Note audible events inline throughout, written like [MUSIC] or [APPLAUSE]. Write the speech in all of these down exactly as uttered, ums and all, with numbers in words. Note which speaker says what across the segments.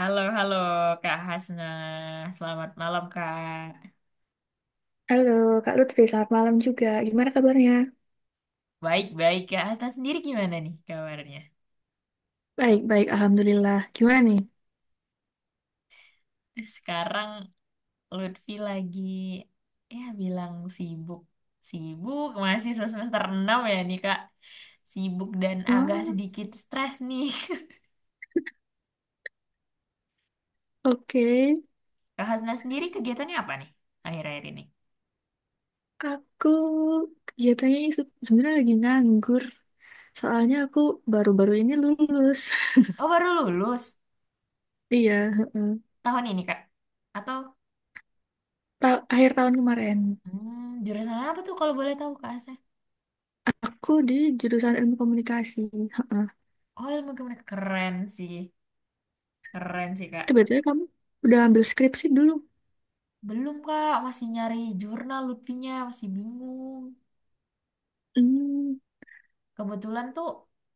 Speaker 1: Halo, halo Kak Hasna. Selamat malam, Kak.
Speaker 2: Halo, Kak Lutfi, selamat malam juga. Gimana kabarnya?
Speaker 1: Baik-baik, Kak Hasna sendiri gimana nih kabarnya?
Speaker 2: Baik-baik, Alhamdulillah. Gimana nih?
Speaker 1: Sekarang Lutfi lagi, ya bilang sibuk. Sibuk, masih semester enam ya nih, Kak. Sibuk dan agak
Speaker 2: Oh,
Speaker 1: sedikit stres nih.
Speaker 2: oke.
Speaker 1: [LAUGHS] Kak Hasna sendiri kegiatannya apa nih akhir-akhir ini?
Speaker 2: Aku kegiatannya se- sebenarnya lagi nganggur. Soalnya aku baru-baru ini lulus. [LAUGHS]
Speaker 1: Oh, baru lulus
Speaker 2: Iya, heeh.
Speaker 1: tahun ini, Kak. Atau
Speaker 2: Ta- akhir tahun kemarin.
Speaker 1: hmm, jurusan apa tuh kalau boleh tahu, Kak Hasna?
Speaker 2: Aku di jurusan ilmu komunikasi. Heeh.
Speaker 1: Oh, ilmu komunikasi. Keren sih. Keren sih, Kak.
Speaker 2: Eh, B T W kamu udah ambil skripsi belum?
Speaker 1: Belum Kak, masih nyari jurnal Lutfinya, masih bingung.
Speaker 2: Hmm.
Speaker 1: Kebetulan tuh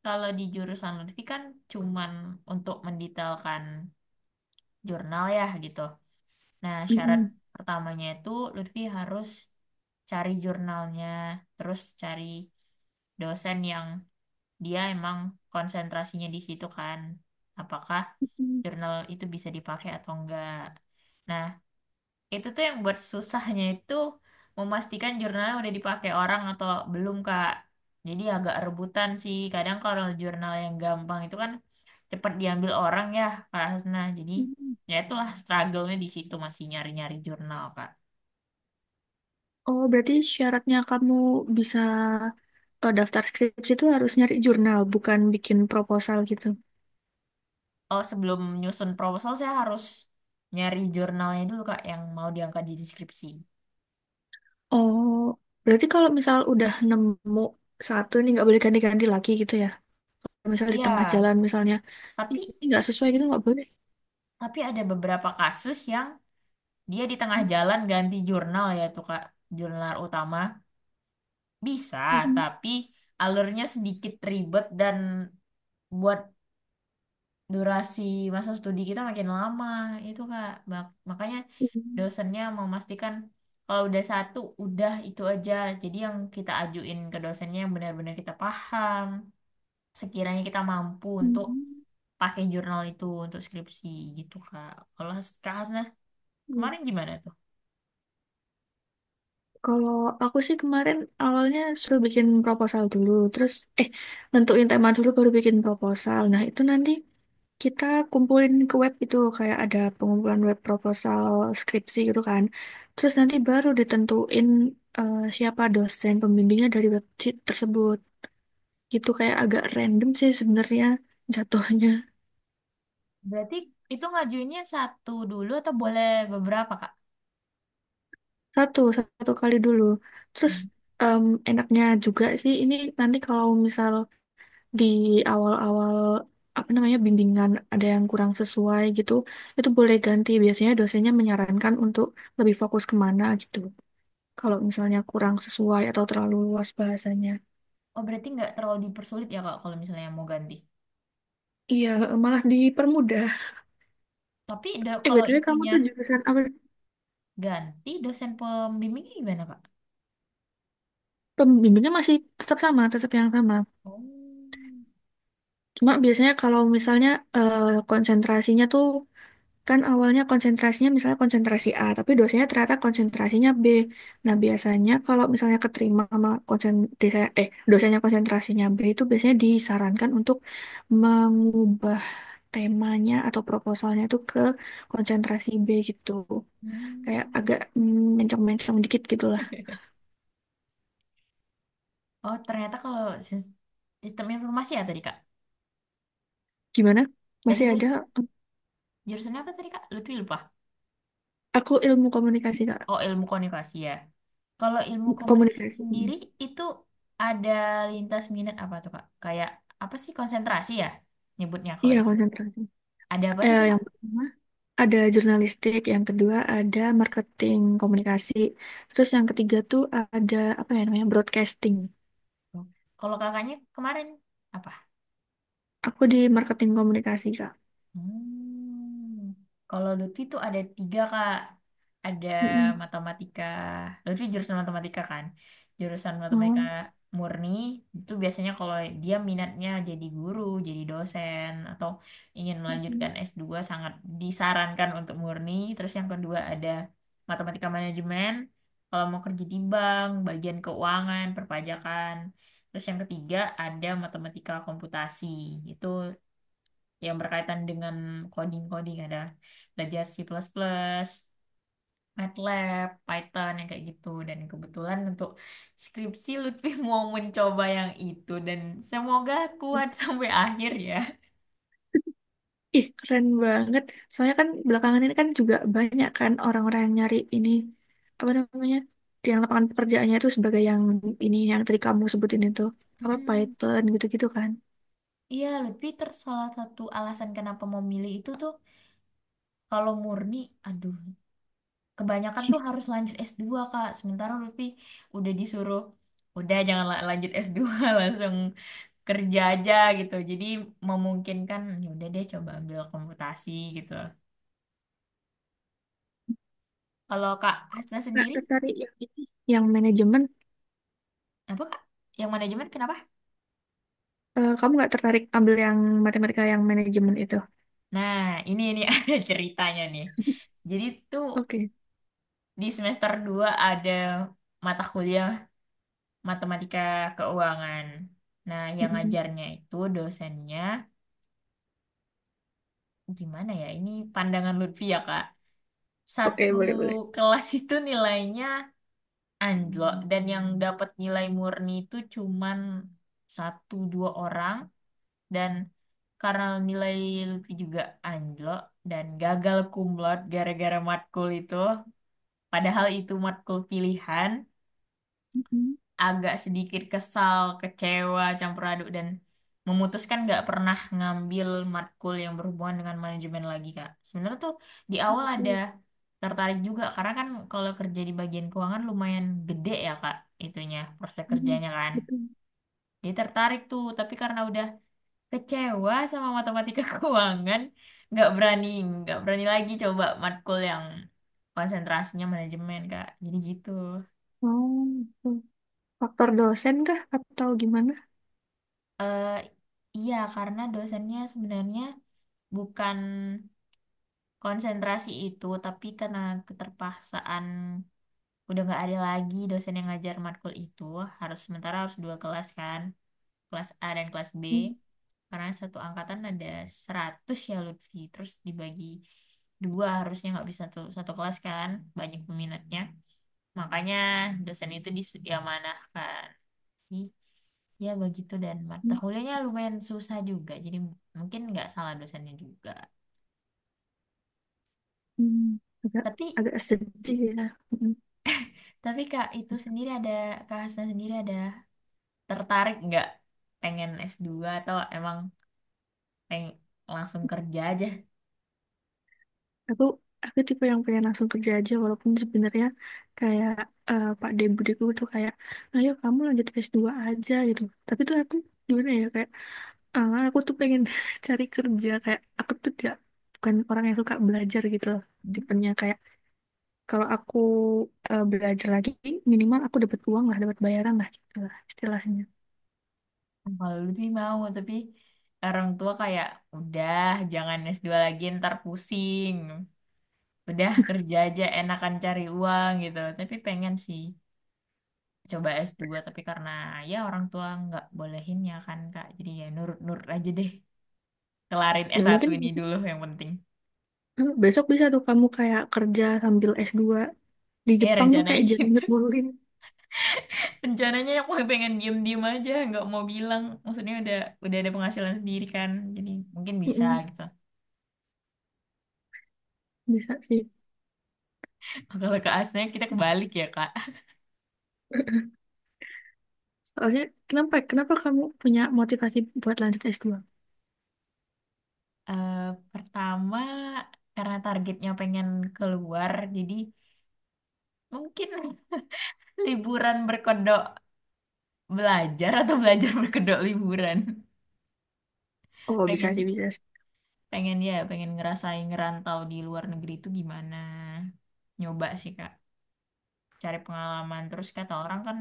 Speaker 1: kalau di jurusan Lutfi kan cuman untuk mendetailkan jurnal ya gitu. Nah, syarat
Speaker 2: Mm-mm.
Speaker 1: pertamanya itu Lutfi harus cari jurnalnya, terus cari dosen yang dia emang konsentrasinya di situ kan. Apakah
Speaker 2: Mm-mm.
Speaker 1: jurnal itu bisa dipakai atau enggak. Nah, itu tuh yang buat susahnya itu memastikan jurnalnya udah dipakai orang atau belum, Kak. Jadi agak rebutan sih. Kadang kalau jurnal yang gampang itu kan cepat diambil orang ya, Kak Hasna. Jadi
Speaker 2: Mm-mm.
Speaker 1: ya itulah struggle-nya di situ masih nyari-nyari jurnal, Kak.
Speaker 2: Oh, berarti syaratnya kamu bisa, eh, daftar skripsi itu harus nyari jurnal, bukan bikin proposal gitu.
Speaker 1: Oh, sebelum nyusun proposal saya harus nyari jurnalnya dulu, Kak, yang mau diangkat di deskripsi.
Speaker 2: Oh, berarti kalau misal udah nemu satu ini nggak boleh ganti-ganti lagi gitu ya. Misal di tengah
Speaker 1: Iya,
Speaker 2: jalan misalnya,
Speaker 1: tapi
Speaker 2: "Ih, ini nggak sesuai gitu nggak boleh."
Speaker 1: tapi ada beberapa kasus yang dia di tengah jalan ganti jurnal ya tuh Kak, jurnal utama. Bisa,
Speaker 2: Mm-mm.
Speaker 1: tapi alurnya sedikit ribet dan buat durasi masa studi kita makin lama. Itu Kak, Mak- makanya dosennya memastikan kalau udah satu, udah itu aja. Jadi yang kita ajuin ke dosennya yang benar-benar kita paham. Sekiranya kita mampu untuk
Speaker 2: Mm-mm.
Speaker 1: pakai jurnal itu untuk skripsi gitu Kak. Kalau Has- Kak Hasnas kemarin gimana tuh?
Speaker 2: Kalau aku sih kemarin awalnya suruh bikin proposal dulu, terus eh nentuin tema dulu baru bikin proposal. Nah, itu nanti kita kumpulin ke web itu, kayak ada pengumpulan web proposal skripsi gitu kan. Terus nanti baru ditentuin, eh, siapa dosen pembimbingnya dari web t- tersebut. Itu kayak agak random sih sebenarnya jatuhnya.
Speaker 1: Berarti itu ngajuinnya satu dulu atau boleh beberapa Kak?
Speaker 2: Satu. Satu kali dulu. Terus em, enaknya juga sih ini, nanti kalau misal di awal-awal, apa namanya, bimbingan ada yang kurang sesuai gitu, itu boleh ganti. Biasanya dosennya menyarankan untuk lebih fokus kemana gitu, kalau misalnya kurang sesuai atau terlalu luas bahasanya.
Speaker 1: Oh, berarti nggak terlalu dipersulit ya, Kak, kalau misalnya mau ganti.
Speaker 2: Iya, malah dipermudah.
Speaker 1: Tapi da-
Speaker 2: Eh,
Speaker 1: kalau
Speaker 2: B T W kamu
Speaker 1: itunya
Speaker 2: tuh jurusan apa sih?
Speaker 1: ganti, dosen pembimbingnya gimana, Kak?
Speaker 2: Pembimbingnya masih tetap sama, tetap yang sama.
Speaker 1: Oh.
Speaker 2: Cuma biasanya kalau misalnya, eh, konsentrasinya tuh, kan awalnya konsentrasinya misalnya konsentrasi A, tapi dosennya ternyata konsentrasinya B. Nah, biasanya kalau misalnya keterima sama konsen desa- eh dosennya, konsentrasinya B, itu biasanya disarankan untuk mengubah temanya atau proposalnya itu ke konsentrasi B gitu. Kayak
Speaker 1: Hmm.
Speaker 2: agak mm, mencong-mencong dikit gitu lah.
Speaker 1: [LAUGHS] Oh, ternyata kalau sis- sistem informasi ya tadi, Kak.
Speaker 2: Gimana?
Speaker 1: Tadi
Speaker 2: Masih ada?
Speaker 1: jurusan, jurusannya apa tadi, Kak? Lebih lupa.
Speaker 2: Aku ilmu komunikasi, Kak.
Speaker 1: Oh, ilmu komunikasi ya. Kalau ilmu komunikasi
Speaker 2: Komunikasi.
Speaker 1: sendiri, itu ada lintas minat apa tuh, Kak? Kayak apa sih konsentrasi ya nyebutnya kalau
Speaker 2: Iya,
Speaker 1: di.
Speaker 2: konsentrasi.
Speaker 1: Ada apa aja
Speaker 2: Eh,
Speaker 1: tuh, Kak?
Speaker 2: yang pertama ada jurnalistik, yang kedua ada marketing komunikasi, terus yang ketiga tuh ada apa ya namanya, broadcasting.
Speaker 1: Kalau kakaknya kemarin apa?
Speaker 2: Aku di marketing komunikasi, Kak.
Speaker 1: Hmm. Kalau Lutfi tuh ada tiga kak, ada
Speaker 2: Mm-mm.
Speaker 1: matematika. Lutfi jurusan matematika kan, jurusan matematika
Speaker 2: Mau?
Speaker 1: murni itu biasanya kalau dia minatnya jadi guru, jadi dosen atau ingin melanjutkan s dua sangat disarankan untuk murni. Terus yang kedua ada matematika manajemen, kalau mau kerja di bank, bagian keuangan, perpajakan. Terus yang ketiga ada matematika komputasi. Itu yang berkaitan dengan coding-coding ada belajar C++, plus plus, MATLAB, Python yang kayak gitu dan kebetulan untuk skripsi Lutfi [LAUGHS] mau mencoba yang itu dan semoga kuat [LAUGHS] sampai akhir ya.
Speaker 2: Ih, keren banget. Soalnya kan belakangan ini kan juga banyak kan orang-orang yang nyari ini, apa namanya, yang lapangan pekerjaannya itu sebagai yang ini, yang tadi kamu sebutin itu, apa
Speaker 1: Mm-mm.
Speaker 2: Python gitu-gitu kan.
Speaker 1: Iya, Lutfi ter salah satu alasan kenapa mau milih itu tuh kalau murni, aduh kebanyakan tuh harus lanjut s dua Kak. Sementara Lutfi udah disuruh, udah jangan la- lanjut s dua [LAUGHS] langsung kerja aja gitu. Jadi memungkinkan ya udah deh coba ambil komputasi gitu. Kalau Kak Hasna
Speaker 2: Nggak
Speaker 1: sendiri
Speaker 2: tertarik yang ini, yang manajemen.
Speaker 1: apa Kak? Yang manajemen kenapa?
Speaker 2: Eh, kamu nggak tertarik ambil yang matematika yang manajemen itu?
Speaker 1: Nah, ini ini [LAUGHS] ada ceritanya nih. Jadi tuh
Speaker 2: Oke.
Speaker 1: di semester dua ada mata kuliah matematika keuangan. Nah, yang
Speaker 2: Mm-mm.
Speaker 1: ngajarnya itu dosennya gimana ya? Ini pandangan Lutfi ya, Kak.
Speaker 2: Oke,
Speaker 1: Satu
Speaker 2: boleh, boleh.
Speaker 1: kelas itu nilainya anjlok dan yang dapat nilai murni itu cuman satu dua orang dan karena nilai Lutfi juga anjlok dan gagal kumlot gara-gara matkul itu padahal itu matkul pilihan
Speaker 2: Mm-mm.
Speaker 1: agak sedikit kesal, kecewa, campur aduk dan memutuskan nggak pernah ngambil matkul yang berhubungan dengan manajemen lagi Kak. Sebenarnya tuh di awal ada
Speaker 2: Betul.
Speaker 1: tertarik juga karena kan kalau kerja di bagian keuangan lumayan gede ya Kak itunya prospek
Speaker 2: Mm-mm.
Speaker 1: kerjanya kan.
Speaker 2: Betul.
Speaker 1: Dia tertarik tuh tapi karena udah kecewa sama matematika [LAUGHS] keuangan nggak berani nggak berani lagi coba matkul yang konsentrasinya manajemen Kak. Jadi gitu.
Speaker 2: Oh, betul. Faktor dosen kah atau gimana?
Speaker 1: Eh, iya, karena dosennya sebenarnya bukan konsentrasi itu, tapi karena keterpaksaan udah nggak ada lagi dosen yang ngajar matkul itu, harus sementara harus dua kelas kan, kelas A dan kelas B,
Speaker 2: Mm-mm.
Speaker 1: karena satu angkatan ada seratus ya Lutfi, terus dibagi dua harusnya nggak bisa satu, satu kelas kan, banyak peminatnya. Makanya dosen itu diamanahkan. Jadi, ya begitu dan mata kuliahnya lumayan susah juga. Jadi mungkin nggak salah dosennya juga.
Speaker 2: Agak,
Speaker 1: Tapi
Speaker 2: agak sedih ya.
Speaker 1: tapi Kak itu sendiri ada Kak Hasna sendiri ada tertarik nggak pengen s dua atau emang peng langsung kerja aja?
Speaker 2: aku aku tipe yang pengen langsung kerja aja, walaupun sebenarnya kayak, eh, Pak D budiku tuh kayak, "Ayo kamu lanjut s dua aja," gitu. Tapi tuh aku gimana ya, kayak ah, aku tuh pengen [LAUGHS] cari kerja. Kayak aku tuh tidak, bukan orang yang suka belajar gitu loh.
Speaker 1: Hmm,
Speaker 2: Tipenya kayak, kalau aku eh, belajar lagi, minimal aku dapat uang lah, dapat bayaran lah, gitu lah istilahnya.
Speaker 1: Kalau lebih mau tapi orang tua kayak udah jangan s dua lagi ntar pusing. Udah kerja aja enakan cari uang gitu. Tapi pengen sih. Coba s dua tapi karena ya orang tua nggak bolehin ya kan Kak jadi ya nurut-nurut aja deh kelarin
Speaker 2: Ya,
Speaker 1: s satu
Speaker 2: mungkin
Speaker 1: ini dulu yang penting
Speaker 2: [LAUGHS] besok bisa tuh kamu kayak kerja sambil s dua. Di
Speaker 1: eh
Speaker 2: Jepang tuh
Speaker 1: rencananya
Speaker 2: kayak jarang
Speaker 1: gitu.
Speaker 2: nyebulin.
Speaker 1: [LAUGHS] Rencananya aku pengen diem-diem aja nggak mau bilang maksudnya udah udah ada penghasilan sendiri kan jadi mungkin bisa
Speaker 2: Mm-mm,
Speaker 1: gitu.
Speaker 2: bisa sih.
Speaker 1: [LAUGHS] Kalau ke asnya kita kebalik ya Kak.
Speaker 2: [LAUGHS] Soalnya, kenapa kenapa kamu punya motivasi buat lanjut s dua?
Speaker 1: Eh, pertama karena targetnya pengen keluar jadi mungkin [LAUGHS] liburan berkedok belajar atau belajar berkedok liburan.
Speaker 2: Oh, bisa sih,
Speaker 1: pengen
Speaker 2: bisa sih.
Speaker 1: pengen ya pengen ngerasain ngerantau di luar negeri itu gimana, nyoba sih kak, cari pengalaman. Terus kata orang kan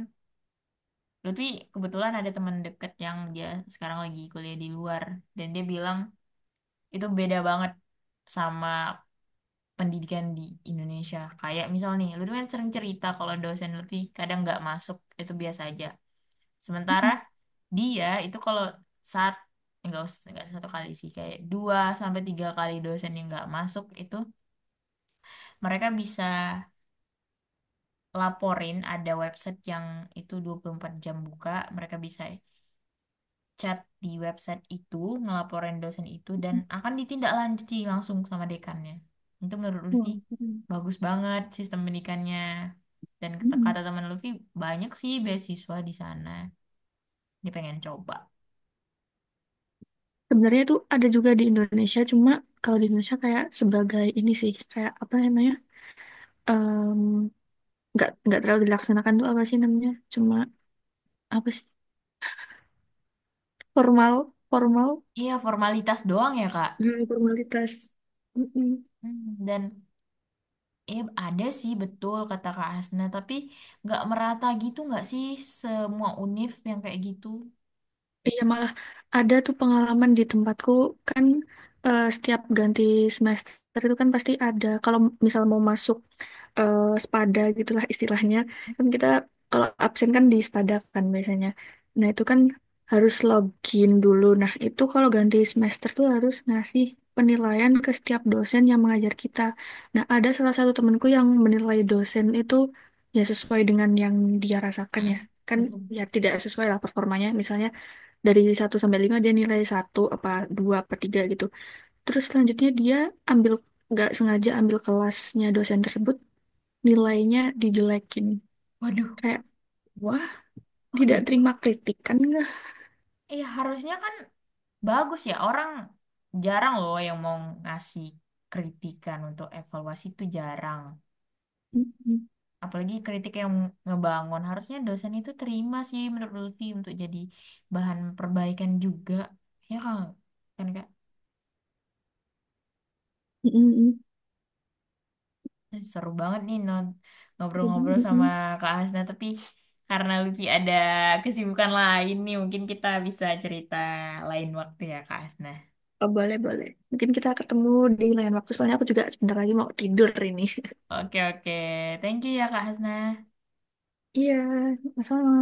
Speaker 1: Lutfi kebetulan ada teman deket yang dia sekarang lagi kuliah di luar, dan dia bilang itu beda banget sama pendidikan di Indonesia. Kayak misal nih Lutfi kan sering cerita kalau dosen Lutfi kadang nggak masuk itu biasa aja. Sementara
Speaker 2: Mm-mm.
Speaker 1: dia itu kalau saat enggak enggak satu kali sih, kayak dua sampai tiga kali dosen yang nggak masuk itu. Mereka bisa laporin, ada website yang itu dua puluh empat jam buka. Mereka bisa chat di website itu, ngelaporin dosen itu, dan akan ditindaklanjuti langsung sama dekannya. Itu menurut Lutfi
Speaker 2: Wow, keren.
Speaker 1: bagus banget sistem pendidikannya. Dan kata
Speaker 2: Mm-mm.
Speaker 1: kata teman Lutfi, banyak sih beasiswa di sana. Dia pengen coba.
Speaker 2: Sebenarnya itu ada juga di Indonesia, cuma kalau di Indonesia kayak sebagai ini sih, kayak apa namanya? em, nggak nggak terlalu dilaksanakan tuh, apa sih namanya? Cuma apa sih? Formal, formal.
Speaker 1: Iya, formalitas doang ya, Kak.
Speaker 2: Hmm, formalitas.
Speaker 1: Hmm, Dan eh ada sih betul kata Kak Hasna, tapi nggak merata gitu nggak sih semua univ yang kayak gitu?
Speaker 2: Iya malah ada tuh pengalaman di tempatku, kan eh, setiap ganti semester itu kan pasti ada, kalau misal mau masuk eh, spada gitulah istilahnya, kan kita kalau absen kan di spada kan biasanya. Nah itu kan harus login dulu. Nah itu kalau ganti semester tuh harus ngasih penilaian ke setiap dosen yang mengajar kita. Nah ada salah satu temanku yang menilai dosen itu ya sesuai dengan yang dia rasakan ya
Speaker 1: Mm-mm,
Speaker 2: kan,
Speaker 1: betul.
Speaker 2: ya tidak sesuai lah performanya, misalnya dari satu sampai lima dia nilai satu apa dua apa tiga gitu. Terus selanjutnya dia ambil, nggak sengaja ambil kelasnya dosen tersebut, nilainya dijelekin.
Speaker 1: Waduh,
Speaker 2: Kayak, wah,
Speaker 1: kok
Speaker 2: tidak
Speaker 1: gitu?
Speaker 2: terima kritikan enggak?
Speaker 1: Iya, harusnya kan bagus ya. Orang jarang loh yang mau ngasih kritikan untuk evaluasi itu jarang. Apalagi kritik yang ngebangun. Harusnya dosen itu terima sih menurut Lutfi untuk jadi bahan perbaikan juga. Ya kan, kan Kak? Seru banget nih non- ngobrol-ngobrol sama Kak Hasna. Tapi karena Lutfi ada kesibukan lain nih, mungkin kita bisa cerita lain waktu ya Kak Hasna.
Speaker 2: Oh, boleh, boleh. Mungkin kita ketemu di lain waktu. Soalnya aku juga sebentar lagi mau tidur ini. [LAUGHS]
Speaker 1: Oke, oke. Thank you ya, Kak Hasna.
Speaker 2: Iya, sama-sama.